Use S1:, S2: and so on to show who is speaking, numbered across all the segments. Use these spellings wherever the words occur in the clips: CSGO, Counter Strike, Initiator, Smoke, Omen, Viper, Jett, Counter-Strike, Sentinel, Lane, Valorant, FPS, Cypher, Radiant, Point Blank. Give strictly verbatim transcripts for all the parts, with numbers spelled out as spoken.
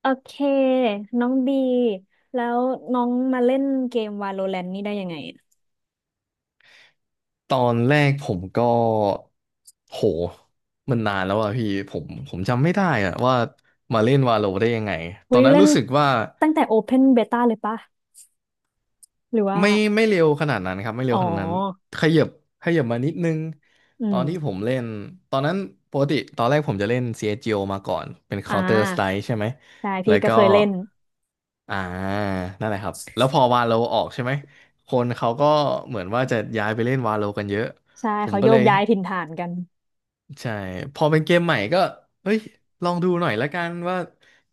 S1: โอเคน้องบีแล้วน้องมาเล่นเกม Valorant นี่ได้ยังไงอะ
S2: ตอนแรกผมก็โหมันนานแล้วอะพี่ผมผมจำไม่ได้อะว่ามาเล่นวาโลได้ยังไงตอ
S1: เฮ้
S2: น
S1: ย
S2: นั้น
S1: เล่น
S2: รู้สึกว่า
S1: ตั้งแต่ Open Beta เลยปะหรือว่า
S2: ไม่ไม่เร็วขนาดนั้นครับไม่
S1: อ๋
S2: เร็
S1: อ
S2: วขนาดนั้นขยับขยับมานิดนึง
S1: อื
S2: ตอ
S1: ม
S2: นที่ผมเล่นตอนนั้นปกติตอนแรกผมจะเล่น ซี เอส จี โอ มาก่อนเป็น
S1: อ่
S2: Counter
S1: า
S2: Strike ใช่ไหม
S1: ใช่พี่
S2: แล้ว
S1: ก็
S2: ก็
S1: เคยเล่น
S2: อ่านั่นแหละครับแล้วพอวาโลออกใช่ไหมคนเขาก็เหมือนว่าจะย้ายไปเล่นวาโลกันเยอะ
S1: ใช่
S2: ผม
S1: เขา
S2: ก็
S1: โย
S2: เล
S1: ก
S2: ย
S1: ย้ายถิ่นฐานกัน
S2: ใช่พอเป็นเกมใหม่ก็เฮ้ยลองดูหน่อยละกันว่า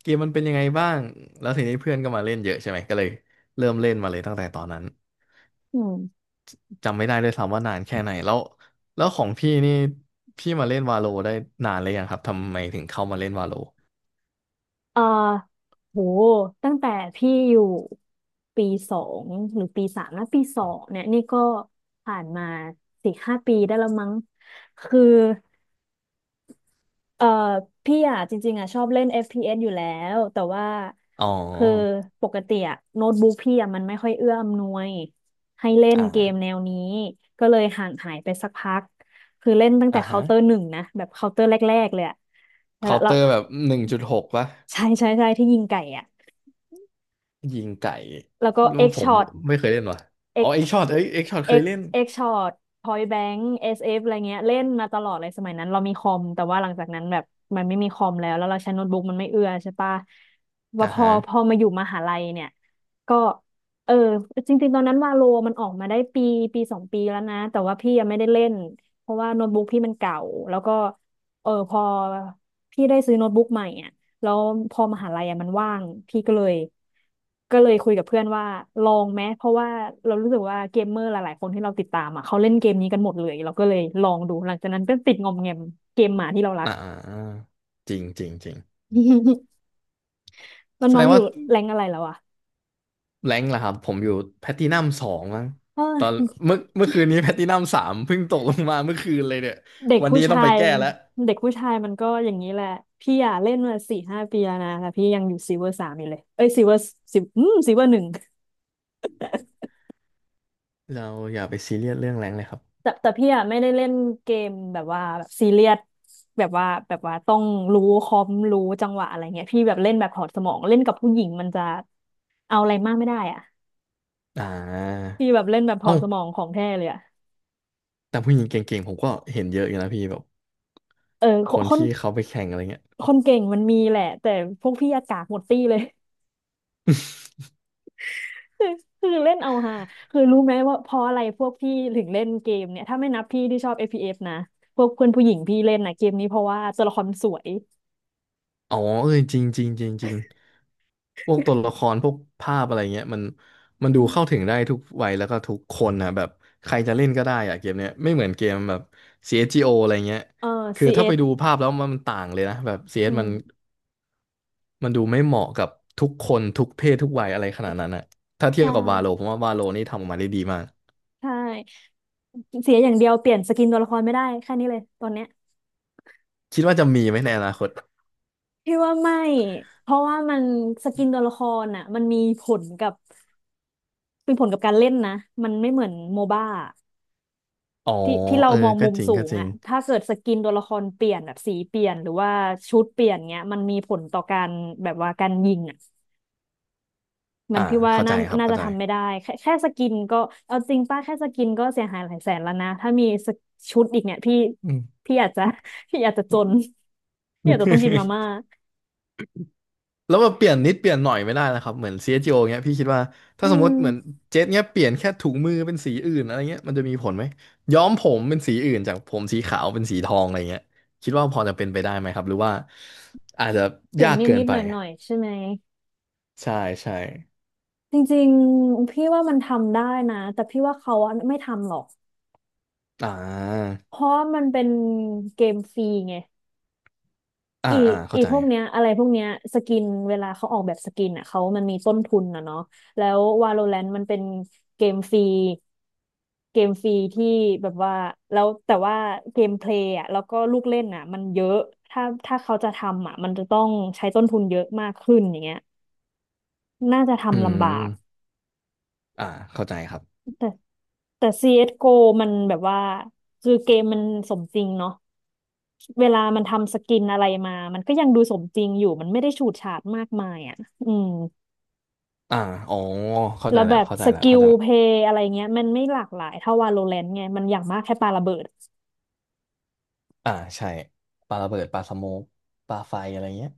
S2: เกมมันเป็นยังไงบ้างแล้วทีนี้เพื่อนก็มาเล่นเยอะใช่ไหมก็เลยเริ่มเล่นมาเลยตั้งแต่ตอนนั้น
S1: อืม
S2: จำไม่ได้ด้วยซ้ำว่านานแค่ไหนแล้วแล้วของพี่นี่พี่มาเล่นวาโลได้นานเลยยังครับทำไมถึงเข้ามาเล่นวาโล
S1: เอ่อโหตั้งแต่พี่อยู่ปีสองหรือปีสามนะปีสองเนี่ยนี่ก็ผ่านมาสี่ห้าปีได้แล้วมั้งคือ เออพี่อ่ะจริงๆอ่ะชอบเล่น เอฟ พี เอส อฟพีเอสอยู่แล้วแต่ว่า
S2: อ๋อ
S1: คือปกติอ่ะโน้ตบุ๊กพี่อ่ะมันไม่ค่อยเอื้ออำนวยให้เล่น
S2: อ่า
S1: เกมแนวนี้ก็เลยห่างหายไปสักพักคือเล่นตั้งแต่
S2: อ่า
S1: เคา
S2: ฮะ
S1: น์เตอร์หนึ่งนะแบบเคาน์เตอร์แรกๆเลยอ่ะแล้ว
S2: เคาน์เต
S1: แล้ว
S2: อร์แบบหนึ่งจุดหกปะ
S1: ใช่ใช่ใช่ที่ยิงไก่อ่ะ
S2: ยิงไก่
S1: แล้วก็
S2: รู้
S1: เอ็ก
S2: ผม
S1: ช็อต
S2: ไม่เคยเล่นว่ะอ๋อ
S1: X
S2: เอ็กช็อตเอ้ยเอ็กช็อตเคย
S1: X
S2: เล่น
S1: X Short Point Blank เอส เอฟ อสเอฟอะไรเงี้ย เล่นมาตลอดเลยสมัยนั้นเรามีคอมแต่ว่าหลังจากนั้นแบบมันไม่มีคอมแล้วแล้วเราใช้โน้ตบุ๊กมันไม่เอื้อใช่ปะว่า
S2: อ่า
S1: พอ
S2: ฮะ
S1: พอมาอยู่มหาลัยเนี่ยก็เออจริงๆตอนนั้นวาโลมันออกมาได้ปีปีสองปีแล้วนะแต่ว่าพี่ยังไม่ได้เล่นเพราะว่าโน้ตบุ๊กพี่มันเก่าแล้วก็เออพอพี่ได้ซื้อโน้ตบุ๊กใหม่อ่ะ แล้วพอมหาลัยอะมันว่างพี่ก็เลยก็เลยคุยกับเพื่อนว่าลองไหมเพราะว่าเรารู้สึกว่าเกมเมอร์หลายๆคนที่เราติดตามอ่ะเขาเล่นเกมนี้กันหมดเลยเราก็เลยลองดูหลังจากนั้นก็ติดงอมแงมเกมหมาที่เรารั
S2: อ่
S1: ก
S2: าจริงจริงจริง
S1: แล้ว
S2: แส
S1: น้
S2: ด
S1: อง
S2: ง
S1: อยู่
S2: ว่า
S1: แรงอะไรแล้วอ่ะ
S2: แรงค์ล่ะครับผมอยู่แพลตินัมสองมั้ง
S1: เอ้
S2: ต
S1: ย
S2: อนเมื่อเมื่อคืนนี้ แพลตินัมสามเพิ่งตกลงมาเมื่อคืนเลยเนี่ย
S1: เด็ก
S2: วัน
S1: ผู้
S2: นี้ต้อ
S1: ชา
S2: งไป
S1: ย
S2: แก้แล้ว
S1: เด็กผู้ชายมันก็อย่างนี้แหละพี่อ่ะเล่นมาสี่ห้าปีแล้วนะแต่พี่ยังอยู่ซิลเวอร์สามอยู่เลยเอ้ยซิลเวอร์ซิลอืมซิลเวอร์หนึ่ง
S2: เราอย่าไปซีเรียสเรื่องแรงค์เลยครับ
S1: แต่แต่พี่อะไม่ได้เล่นเกมแบบว่าแบบซีเรียสแบบว่าแบบว่าต้องรู้คอมรู้จังหวะอะไรเงี้ยพี่แบบเล่นแบบถอดสมองเล่นกับผู้หญิงมันจะเอาอะไรมากไม่ได้อ่ะ
S2: อ่า
S1: พี่แบบเล่นแบบถอ
S2: เอ้า
S1: ดสมองของแท้เลยอ่ะ
S2: แต่ผู้หญิงเก่งๆผมก็เห็นเยอะอยู่นะพี่แบบ
S1: เออค
S2: คน
S1: คน
S2: ที่เขาไปแข่งอะไรเงี้ย
S1: คนเก่งมันมีแหละแต่พวกพี่อากากหมดตี้เลย คือคือเล่นเอาฮาคือรู้ไหมว่าเพราะอะไรพวกพี่ถึงเล่นเกมเนี่ยถ้าไม่นับพี่ที่ชอบ เอฟ พี เอส นะพวกเพื่อนผู้หญิงพี่เล่นนะเกมนี้เพราะว่าตัวละครมันสวย
S2: อ๋อเออจริงจริงจริงจริงพวกตัวละครพวกภาพอะไรเงี้ยมันมันดูเข้าถึงได้ทุกวัยแล้วก็ทุกคนนะแบบใครจะเล่นก็ได้อะเกมเนี้ยไม่เหมือนเกมแบบ ซี เอส จี โอ อสจีโออะไรเงี้ย
S1: เออ
S2: คือถ้าไป
S1: ซี เอส อส
S2: ดูภาพแล้วมันต่างเลยนะแบบ
S1: อื
S2: ซี เอส มัน
S1: ม
S2: มันดูไม่เหมาะกับทุกคนทุกเพศทุกวัยอะไรขนาดนั้นอะถ้าเที
S1: ใช
S2: ยบกับวาโล
S1: ่
S2: ผมว่าวาโลนี่ทำออกมาได้ดีมาก
S1: ใช่ เสียอย่างเดียวเปลี่ยนสกินตัวละครไม่ได้แค่นี้เลยตอนเนี้ย
S2: คิดว่าจะมีไหมในอนาคต
S1: พี่ว่าไม่เพราะว่ามันสกินตัวละครอ่ะมันมีผลกับเป็นผลกับการเล่นนะมันไม่เหมือนโมบ้า
S2: อ๋อ
S1: ที่ที่เรา
S2: เออ
S1: มอง
S2: ก็
S1: มุม
S2: จริง
S1: สู
S2: ก็
S1: ง
S2: จริง
S1: อ่ะถ้าเกิดสกินตัวละครเปลี่ยนแบบสีเปลี่ยนหรือว่าชุดเปลี่ยนเงี้ยมันมีผลต่อการแบบว่าการยิงอ่ะมั
S2: อ่า
S1: นพี่ว่า
S2: เข้าใจ
S1: น่า
S2: ครับ
S1: น่า
S2: เข้า
S1: จะ
S2: ใจ
S1: ทำไม่ได้แค่แค่สกินก็เอาจริงป้าแค่สกินก็เสียหายหลายแสนแล้วนะถ้ามีสกชุดอีกเนี่ยพี่
S2: อืม
S1: พี่อาจจะ พี่อาจจะจนพี่อาจจะต้องกินมาม่า
S2: แล้วมาเปลี่ยนนิดเปลี่ยนหน่อยไม่ได้นะครับเหมือน ซี เอส โก เงี้ยพี่คิดว่า
S1: อื
S2: ถ้าสมม
S1: ม
S2: ติเหมือนเจ็ตเงี้ยเปลี่ยนแค่ถุงมือเป็นสีอื่นอะไรเงี้ยมันจะมีผลไหมย้อมผมเป็นสีอื่นจากผมสีขาวเป็นสีทองอะไรเงี้ยคิดว่าพอจะเป็นไปได้ไหมครับหรือว่าอาจจะ
S1: เปลี่ย
S2: ยา
S1: น
S2: ก
S1: นิด
S2: เกิน
S1: นิด
S2: ไป
S1: หน่อยหน่อยๆใช่ไหม
S2: ใช่ใช่
S1: จริงๆพี่ว่ามันทำได้นะแต่พี่ว่าเขาอะไม่ทำหรอก
S2: อ่า
S1: เพราะว่ามันเป็นเกมฟรีไง
S2: อ่า
S1: อี
S2: อ่า
S1: อี
S2: เข้าใจ
S1: พวกเนี้ยอะไรพวกเนี้ยสกินเวลาเขาออกแบบสกินอ่ะเขามันมีต้นทุนนะเนาะแล้ว Valorant มันเป็นเกมฟรีเกมฟรีที่แบบว่าแล้วแต่ว่าเกมเพลย์อ่ะแล้วก็ลูกเล่นอ่ะมันเยอะถ้าถ้าเขาจะทำอ่ะมันจะต้องใช้ต้นทุนเยอะมากขึ้นอย่างเงี้ยน่าจะ
S2: อื
S1: ทำลำบาก
S2: มอ่าเข้าใจครับ
S1: แต่ ซี เอส จี โอ มันแบบว่าคือเกมมันสมจริงเนาะเวลามันทำสกินอะไรมา มันก็ยังดูสมจริงอยู่มันไม่ได้ฉูดฉาดมากมายอ่ะอืม
S2: อ่าอ๋อเข้า
S1: แล้
S2: ใจ
S1: วแบ
S2: แล้ว
S1: บ
S2: เข้าใจ
S1: ส
S2: แล้ว
S1: กิ
S2: เข้า
S1: ล
S2: ใจแล้ว
S1: เพย์อะไรเงี้ยมันไม่หลากหลายเท่า Valorant ไงมันอย่างมากแค่ปาระเบิด
S2: อ่าใช่ปลาระเบิดปลาสโมกปลาไฟอะไรเงี้ย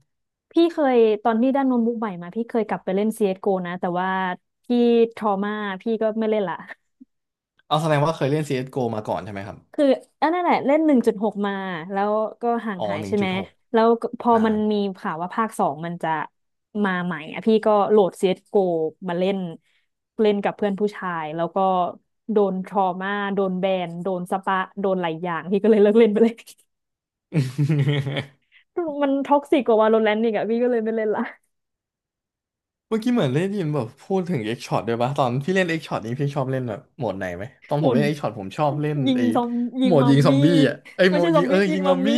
S1: พี่เคยตอนที่ได้โน้ตบุ๊กใหม่มาพี่เคยกลับไปเล่น ซี เอส จี โอ นะแต่ว่าพี่ทรอมาพี่ก็ไม่เล่นละ
S2: เอาแสดงว่าเคยเล่น ซี เอส จี โอ มาก่อนใช่ไหมครับ
S1: คืออันนั้นแหละเล่นหนึ่งจุดหกมาแล้วก็ห่าง
S2: อ๋อ
S1: หาย
S2: หนึ่ง
S1: ใช่
S2: จุ
S1: ไหม
S2: ดหก
S1: แล้วก็พอ
S2: อ่า
S1: มันมีข่าวว่าภาคสองมันจะมาใหม่อ่ะพี่ก็โหลด ซี เอส โกมาเล่นเล่นกับเพื่อนผู้ชายแล้วก็โดนทรอมาโดนแบนโดนสปะโดนหลายอย่างพี่ก็เลยเลิกเล่นไปเลย มันท็อกซิกกว่าวาโลแรนต์อีกอ่ะพี่ก็เลยไม่เล่นละ
S2: เมื่อกี้เหมือนได้ยินแบบพูดถึงเอ็กช็อตด้วยปะตอนพี่เล่นเอ็กช็อตนี้พี่ชอบเล่นแบบโหมดไหนไหมตอนผ
S1: หุ่
S2: ม
S1: น
S2: เล่นเอ็กช็อตผมชอบเล่น
S1: ยิง
S2: ไอ้
S1: ซอมยิ
S2: โห
S1: ง
S2: มด
S1: มั
S2: ยิ
S1: ม
S2: งซอม
S1: มี่
S2: บี้อ่ะไอ้
S1: ไม่
S2: โหม
S1: ใช่
S2: ด
S1: ซ
S2: ยิ
S1: อม
S2: ง
S1: บี้
S2: เอ้ย
S1: ยิ
S2: ยิ
S1: ง
S2: ง
S1: มั
S2: มั
S1: ม
S2: ม
S1: มี่
S2: มี่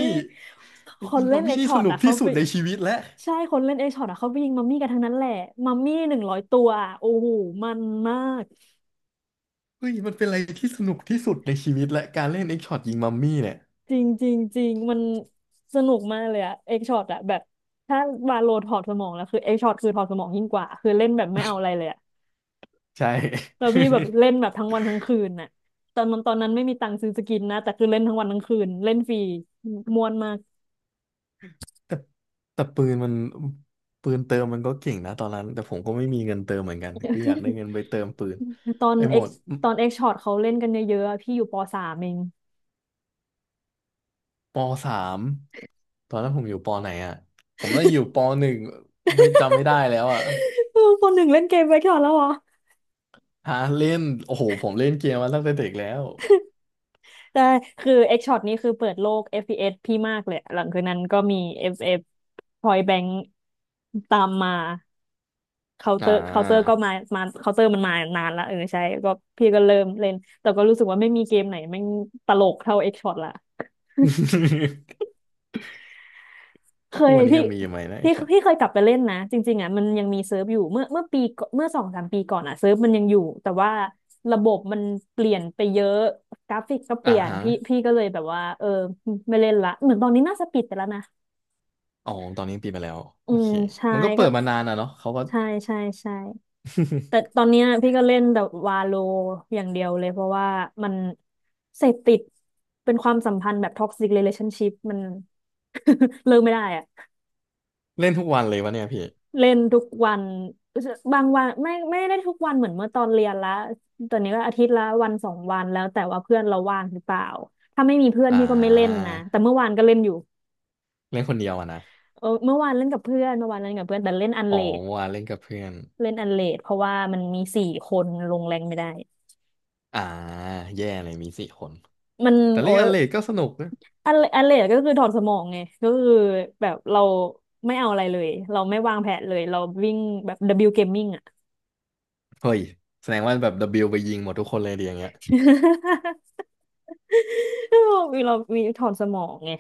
S1: คน
S2: ยิง
S1: เล่
S2: มั
S1: น
S2: ม
S1: เอ็
S2: มี่
S1: ก
S2: นี่
S1: ช็อ
S2: ส
S1: ต
S2: นุก
S1: อ่ะเขา
S2: ที่สุ
S1: ไป
S2: ดในชีวิตแล้ว
S1: ใช่คนเล่นเอ็กช็อตอ่ะเขาไปยิงมัมมี่กันทั้งนั้นแหละมัมมี่หนึ่งร้อยตัวอะโอ้โหมันมาก
S2: เฮ้ยมันเป็นอะไรที่สนุกที่สุดในชีวิตและการเล่นเอ็กช็อตยิงมัมมี่เนี่ย
S1: จริงจริงจริงมันสนุกมากเลยอะเอ็กช็อตอะแบบถ้าวาโลถอดสมองแล้วคือเอ็กช็อตคือถอดสมองยิ่งกว่าคือเล่นแบบไม่เอาอะไรเลยอะ
S2: ใช่
S1: แล้วพี่แบบเล่น แบบทั้งวันทั้งคืนน่ะตอนนั้นตอนนั้นไม่มีตังค์ซื้อสกินนะแต่คือเล่นทั้งวันทั้งคืนเล่นฟรีม่วนมาก
S2: แต่ปืนมันปืนเติมมันก็เก่งนะตอนนั้นแต่ผมก็ไม่มีเงินเติมเหมือนกันก็อยากได้เงินไปเติมปืน
S1: ตอน
S2: ไอ้โห
S1: เอ็
S2: ม
S1: ก
S2: ด
S1: ตอนเอ็กช็อตเขาเล่นกันเยอะๆอะพี่อยู่ปสามเอง
S2: ปสามตอนนั้นผมอยู่ปไหนอ่ะผมน่าจะอยู่ปหนึ่งไม่จำไม่ได้แล้วอ่ะ
S1: เออปหนึ่งเล่นเกมไปก่อนแล้วเหรอ
S2: หาเล่นโอ้โหผมเล่นเกมมาตั้งแต่เด็กแล้ว
S1: แต่คือเอ็กช็อตนี่คือเปิดโลก เอฟ พี เอส พีเอสพี่มากเลยหลังคืนนั้นก็มี เอฟ เอฟ พอย b บ a n k ตามมาเคาน์เต
S2: อ่
S1: อร์เคาน์เตอร์ก็
S2: า
S1: มามาเคาน์เตอร์มันมานานละเออใช่ก็พี่ก็เริ่มเล่นแต่ก็รู้สึกว่าไม่มีเกมไหนแม่งตลกเท่าเอ็กช็อตละ เค
S2: ทุ
S1: ย
S2: กวันนี้
S1: พี่
S2: ยังมีอยู่ไหมนะไอ้
S1: พี่
S2: ช็อต
S1: พี่เคยกลับไปเล่นนะจริงๆอ่ะมันยังมีเซิร์ฟอยู่เมื่อเมื่อปีก่อนเมื่อสองสามปีก่อนอ่ะเซิร์ฟมันยังอยู่แต่ว่าระบบมันเปลี่ยนไปเยอะกราฟิกก็เป
S2: อ่า
S1: ลี่ยน
S2: ฮะ
S1: พี่พี่ก็เลยแบบว่าเออไม่เล่นละเหมือนตอนนี้น่าจะปิดไปแล้วนะ
S2: อ๋อตอนนี้ปิดไปแล้ว
S1: อื
S2: โอเค
S1: มใช่
S2: มันก็เปิ
S1: ก็
S2: ดมานานอ่ะเนาะเขาก็
S1: ใช่ใช่ใช่แต่ต อนเนี้ยพี่ก็เล่นแต่วาโลอย่างเดียวเลยเพราะว่ามันเสพติดเป็นความสัมพันธ์แบบท็อกซิ e เ a t ล o n นชิพมัน เลิกไม่ได้อะ
S2: เล่นทุกวันเลยวะเนี่ยพี่
S1: เล่นทุกวันบางวันไม่ไม่ได้ทุกวันเหมือนเมื่อตอนเรียนละตอนนี้ก็อาทิตย์ละวันสองวันแล้วแต่ว่าเพื่อนเราว่างหรือเปล่าถ้าไม่มีเพื่อน
S2: อ่
S1: พี่ก็ไม่เล่น
S2: า
S1: นะแต่เมื่อวานก็เล่นอยู่
S2: เล่นคนเดียวอะนะ
S1: เออเมื่อวานเล่นกับเพื่อนเมื่อวานเล่นกับเพื่อนแต่เล่นอัน
S2: อ๋อ่
S1: เลด
S2: วานเล่นกับเพื่อน
S1: เล่นอันเลดเพราะว่ามันมีสี่คนลงแรงไม่ได้
S2: อ่าแย่เลยมีสี่คน
S1: มัน
S2: แต่
S1: โอ้
S2: เล่น
S1: ย
S2: อันเลดก็สนุกนะ
S1: อันอันเลดก็คือถอดสมองไงก็คือแบบเราไม่เอาอะไรเลยเราไม่วางแผนเลยเราวิ่งแบบ W Gaming อ่ะ
S2: เฮ้ยแสดงว่าแบบ ดับเบิลยู ไปยิงหมดทุกคนเลยดีอย่างเงี้ย
S1: มีเรามีถอนสมองไง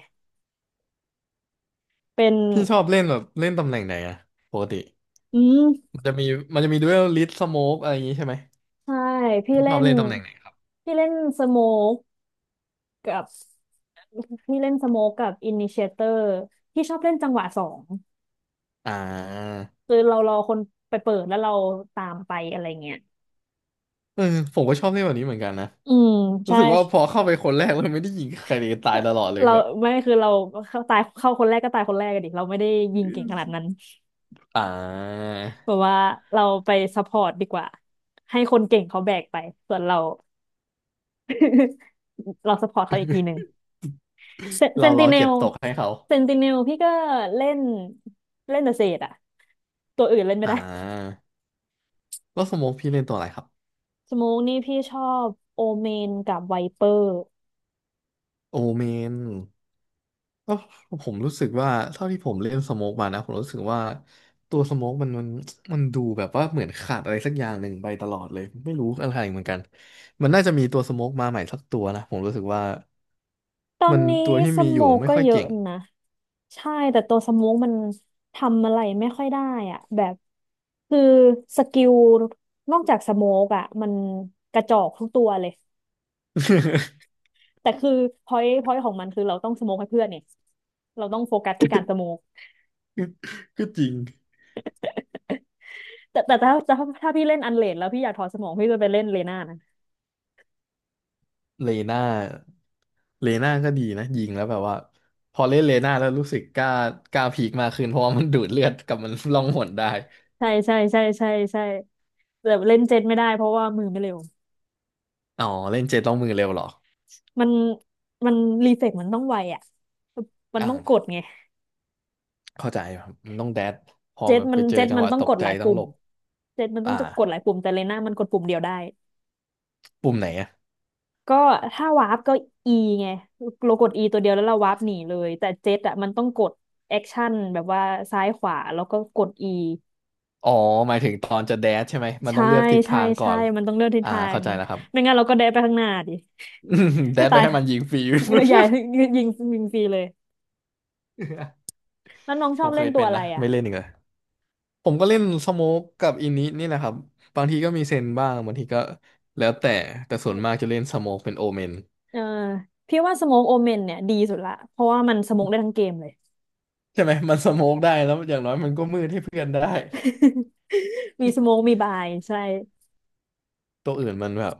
S1: เป็น
S2: พี่ชอบเล่นแบบเล่นตำแหน่งไหนอะปกติ
S1: อืม
S2: มันจะมีมันจะมีดูเอลลิสสโมกอะไรอย่างงี้ใช่ไหม
S1: ใช่ พี่
S2: พี่ช
S1: เล่
S2: อบ
S1: น
S2: เล่นตำแหน่งไหนครับ
S1: พี่เล่นสโมกกับ พี่เล่นสโมกกับอินิเชเตอร์พี่ชอบเล่นจังหวะสอง
S2: อ่า
S1: คือเรารอคนไปเปิดแล้วเราตามไปอะไรเงี้ย
S2: เออผมก็ชอบเล่นแบบนี้เหมือนกันนะ
S1: อืม
S2: รู้
S1: ใช่
S2: สึกว่าพอเข้าไปคนแรกเลยไม่ได้ยิงใครเลยตายตลอดเลย
S1: เรา
S2: แบบ
S1: ไม่คือเราเข้าตายเข้าคนแรกก็ตายคนแรกกันดิ เราไม่ได้ยิงเก่งขนาดนั้น
S2: อ่า
S1: แบบว่าเราไปซัพพอร์ตดีกว่า ให้คนเก่งเขาแบกไป ส่วนเรา เราสปอร์ตเขาอีกทีหนึ่งเซเซ
S2: เรา
S1: นติ
S2: เรา
S1: เน
S2: เก็
S1: ล
S2: บตกให้เขา
S1: เซนติเนลพี่ก็เล่นเล่นแต่เศษอะตัวอื่นเล่นไม่
S2: อ่
S1: ได้
S2: าแล้วสโมกพี่เล่นตัวอะไรครับ
S1: สโมกนี่พี่ชอบโอเมนกับไวเปอร์
S2: โอเมน ก็ผมรู้สึกว่าเท่าที่ผมเล่นสโมกมานะผมรู้สึกว่าตัวสโมกมันมันมันดูแบบว่าเหมือนขาดอะไรสักอย่างหนึ่งไปตลอดเลยไม่รู้อะไรเหมือนกันมันน่าจะมีตัวสโมกมาใหม่สักตัวนะผมรู้สึกว่า
S1: ตอน
S2: มัน
S1: นี้
S2: ตัวที่
S1: ส
S2: มีอ
S1: โม
S2: ยู่
S1: ก
S2: ไม่
S1: ก็
S2: ค่อย
S1: เยอะ
S2: เก่ง
S1: นะใช่แต่ตัวสโมกมันทำอะไรไม่ค่อยได้อะแบบคือสกิลนอกจากสโมกอะมันกระจอกทุกตัวเลยแต่คือพอยต์พอยต์ของมันคือเราต้องสโมกให้เพื่อนเนี่ยเราต้องโฟกัสที่การสโมก
S2: ก็จริง
S1: แต่แต่ถ้าถ้าถ้าพี่เล่นอันเลนแล้วพี่อยากถอดสมองพี่จะไปเล่นเลน่านะ
S2: เลน่าเลน่าก็ดีนะยิงแล้วแบบว่าพอเล่นเลน่าแล้วรู้สึกกล้ากล้าพีคมากขึ้นเพราะว่ามันดูดเลือดกับมันล่องหนได้
S1: ใช่ใช่ใช่ใช่ใช่แต่เล่นเจ็ตไม่ได้เพราะว่ามือไม่เร็ว
S2: อ๋อเล่นเจต้องมือเร็วเหรอ
S1: มันมันรีเฟกมันต้องไวอ่ะมันต้องกด
S2: อ่า
S1: ไง
S2: เข้าใจครับ มันต้องแดดพอ
S1: เจ็ต
S2: แบบ
S1: มั
S2: ไป
S1: น
S2: เจอ
S1: เจ็ต
S2: จัง
S1: มั
S2: ห
S1: น
S2: วะ
S1: ต้อ
S2: ต
S1: งก
S2: ก
S1: ด
S2: ใจ
S1: หลาย
S2: ต้อง
S1: ปุ่
S2: หล
S1: ม
S2: บ
S1: เจ็ตมันต้อ
S2: อ่า
S1: งจะกดหลายปุ่มแต่เลน่ามันกดปุ่มเดียวได้
S2: ปุ่มไหนอะ
S1: ก็ถ้าวาร์ปก็ E ไงเรากด E ตัวเดียวแล้วเราวาร์ปหนีเลยแต่เจ็ตอ่ะมันต้องกดแอคชั่นแบบว่าซ้ายขวาแล้วก็กด E
S2: อ๋อหมายถึงตอนจะแดดใช่ไหมมันต้อ
S1: ใช่
S2: งเลือกทิศ
S1: ใช่
S2: ทางก่อ
S1: ใช่
S2: น
S1: มันต้องเลือกทิศ
S2: อ่า
S1: ทา
S2: เข้า
S1: ง
S2: ใจแล้วครับ
S1: ไม่งั้นเราก็เดนไปข้างหน้าดิ
S2: แด
S1: ก็
S2: ดไป
S1: ตาย
S2: ให้มันยิงฟรี
S1: ใหญ่ ยิงยิงฟรีเลยแล้วน้องช
S2: ผ
S1: อบ
S2: มเค
S1: เล่น
S2: ย
S1: ตั
S2: เป็
S1: ว
S2: น
S1: อะไร
S2: นะ
S1: อ่ะ
S2: ไม่เล่นอีกเลย ผมก็เล่นสโมกกับอินินี่แหละครับ บางทีก็มีเซนบ้าง บางทีก็ แล้วแต่ แต่ส่วนมากจะเล่นสโมกเป็นโอเมน
S1: เออพี่ว่าสโมกโอเมนเนี่ยดีสุดละเพราะว่ามันสโมกได้ทั้งเกมเลย
S2: ใช่ไหมมันสโมกได้แล้วอย่างน้อยมันก็มืดให้เพื่อนได้
S1: มีสโมกมีบายใช่
S2: ตัวอื่นมันแบบ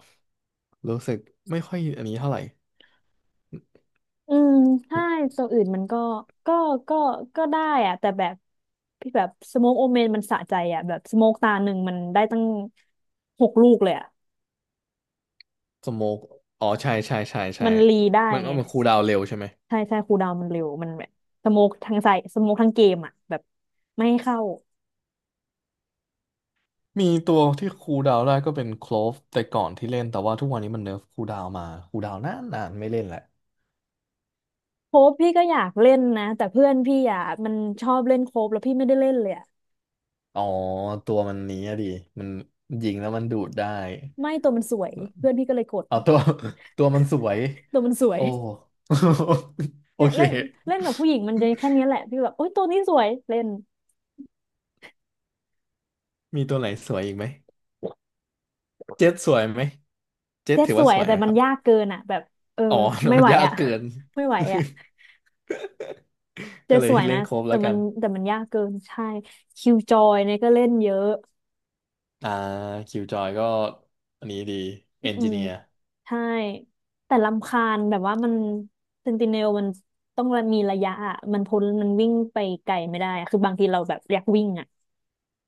S2: รู้สึกไม่ค่อยอันนี้เท่าไหร่
S1: อืมใช่ตัวอื่นมันก็ก็ก็ก็ได้อะแต่แบบพี่แบบสโมกโอเมนมันสะใจอะแบบสโมกตาหนึ่งมันได้ตั้งหกลูกเลยอะ
S2: สโมกอ๋อใช่ใช่ใช่ใช่
S1: มันรีได้
S2: มัน
S1: ไง
S2: มันคูลดาวน์เร็วใช่ไหม
S1: ใช่ใช่คูลดาวน์มันเร็วมันแบบสโมกทั้งใส่สโมกทั้งเกมอะแบบไม่ให้เข้า
S2: มีตัวที่คูลดาวน์ได้ก็เป็นโคลฟแต่ก่อนที่เล่นแต่ว่าทุกวันนี้มันเนิร์ฟคูลดาวน์มาคูลดาวน์นานนานไม่เล่นแหละ
S1: โคบพี่ก็อยากเล่นนะแต่เพื่อนพี่อ่ะมันชอบเล่นโคบแล้วพี่ไม่ได้เล่นเลยอะ
S2: อ๋อตัวมันนี้อะดิมันยิงแล้วมันดูดได้
S1: ไม่ตัวมันสวยเพื่อนพี่ก็เลยกด
S2: เอาตัว ตัวมันสวย
S1: ตัวมันสว
S2: โอ้
S1: ย
S2: โอ
S1: เนี่ย
S2: เค
S1: เล่นเล่นกับผู้หญิงมันจะแค่เนี้ยแหละพี่แบบโอ๊ยตัวนี้สวยเล่น
S2: มีตัวไหนสวยอีกไหมเจ็ตสวยไหมเจ็ต
S1: เจ็ด
S2: ถือ
S1: ส
S2: ว่า
S1: ว
S2: ส
S1: ย
S2: วย
S1: แต่
S2: ไหม
S1: มั
S2: ค
S1: น
S2: รับ
S1: ยากเกินอ่ะแบบเออ
S2: อ๋อ
S1: ไม่
S2: มั
S1: ไห
S2: น
S1: ว
S2: ยาก
S1: อ่ะ
S2: เกิน
S1: ไม่ไหวอ่ะ
S2: ก็
S1: เจ็ด
S2: เล
S1: ส
S2: ย
S1: วย
S2: เล่
S1: นะ
S2: นโครบ
S1: แต่
S2: แล้ว
S1: มั
S2: กั
S1: น
S2: น
S1: แต่มันยากเกินใช่คิวจอยเนี่ยก็เล่นเยอะ
S2: อ่าคิวจอยก็อันนี้ดีเอน
S1: อื
S2: จิ
S1: ม
S2: เนียร์
S1: ใช่แต่รำคาญแบบว่ามันเซนติเนลมันต้องมีระยะอะมันพ้นมันวิ่งไปไกลไม่ได้อะคือบางทีเราแบบอยากวิ่งอ่ะ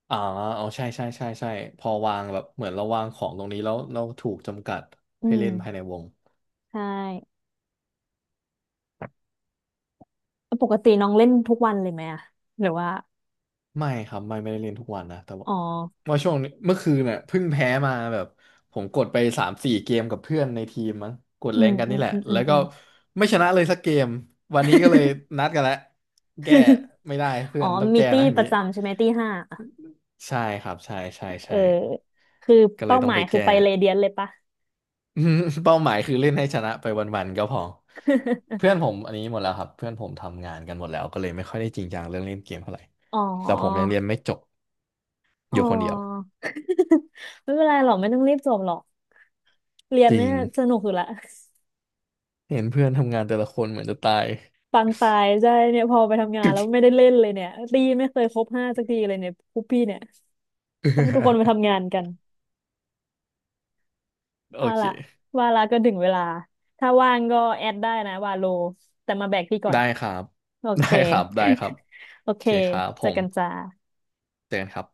S2: อ๋อเอาใช่ใช่ใช่ใช่พอวางแบบเหมือนเราวางของตรงนี้แล้วเราถูกจำกัด
S1: อื
S2: ให้
S1: ม
S2: เล่นภายในวง
S1: ใช่แล้วปกติน้องเล่นทุกวันเลยไหมอะหรือว่า
S2: ไม่ครับไม่ไม่ได้เล่นทุกวันนะแต่ว่า
S1: อ๋อ
S2: ว่าช่วงนี้เมื่อคืนเนี่ยเพิ่งแพ้มาแบบผมกดไปสามสี่เกมกับเพื่อนในทีมมั้งกด
S1: อื
S2: แร
S1: ม
S2: งกัน
S1: อื
S2: นี่
S1: ม
S2: แหละ
S1: อืมอื
S2: แล้
S1: ม
S2: ว
S1: อื
S2: ก็
S1: ม
S2: ไม่ชนะเลยสักเกมวันนี้ก็เลยนัดกันแล้วแก้ ไม่ได้เพื่
S1: อ๋อ
S2: อนต้อง
S1: มี
S2: แก้
S1: ตี้
S2: นะอย่า
S1: ป
S2: ง
S1: ระ
S2: งี้
S1: จำใช่ไหมตี้ห้า
S2: ใช่ครับใช่ใช่
S1: เออ
S2: ใช่
S1: คือ
S2: ก็เล
S1: เป้า
S2: ยต้อ
S1: ห
S2: ง
S1: มา
S2: ไป
S1: ยคือ
S2: แก้
S1: ไปเรเดียนเลยปะ
S2: อืมเป้าหมายคือเล่นให้ชนะไปวันๆก็พอ เพื่อนผมอันนี้หมดแล้วครับเพื่อนผมทำงานกันหมดแล้วก็เลยไม่ค่อยได้จริงจังเรื่องเล่นเกมเท่าไหร่
S1: อ๋อ
S2: แต่ผมยังเรียนไม่จบ
S1: อ๋
S2: อ
S1: อ
S2: ยู่คนเดียว
S1: ไม่เป็นไรหรอกไม่ต้องรีบจบหรอกเรียน
S2: จริ
S1: เนี่ย
S2: ง
S1: สนุกอยู่ละ
S2: เห็นเพื่อนทำงานแต่ละคนเหมือนจะตาย
S1: ปังตายใช่เนี่ยพอไปทำงานแล้วไม่ได้เล่นเลยเนี่ยตีไม่เคยครบห้าสักทีเลยเนี่ยคุปพี่เนี่ยเพราะทุกคนไปทำ งานกัน
S2: โอ
S1: เอา
S2: เค
S1: ล่ะว่าละก็ถึงเวลาถ้าว่างก็แอดได้นะวาโลแต่มาแบกพี่ก่อน
S2: ได้ครับ
S1: โอ
S2: ได้
S1: เค
S2: ครับได้ครับ
S1: โอ
S2: โอ
S1: เค
S2: เคครับผ
S1: เจอกันจ้า
S2: มเจอกันครับ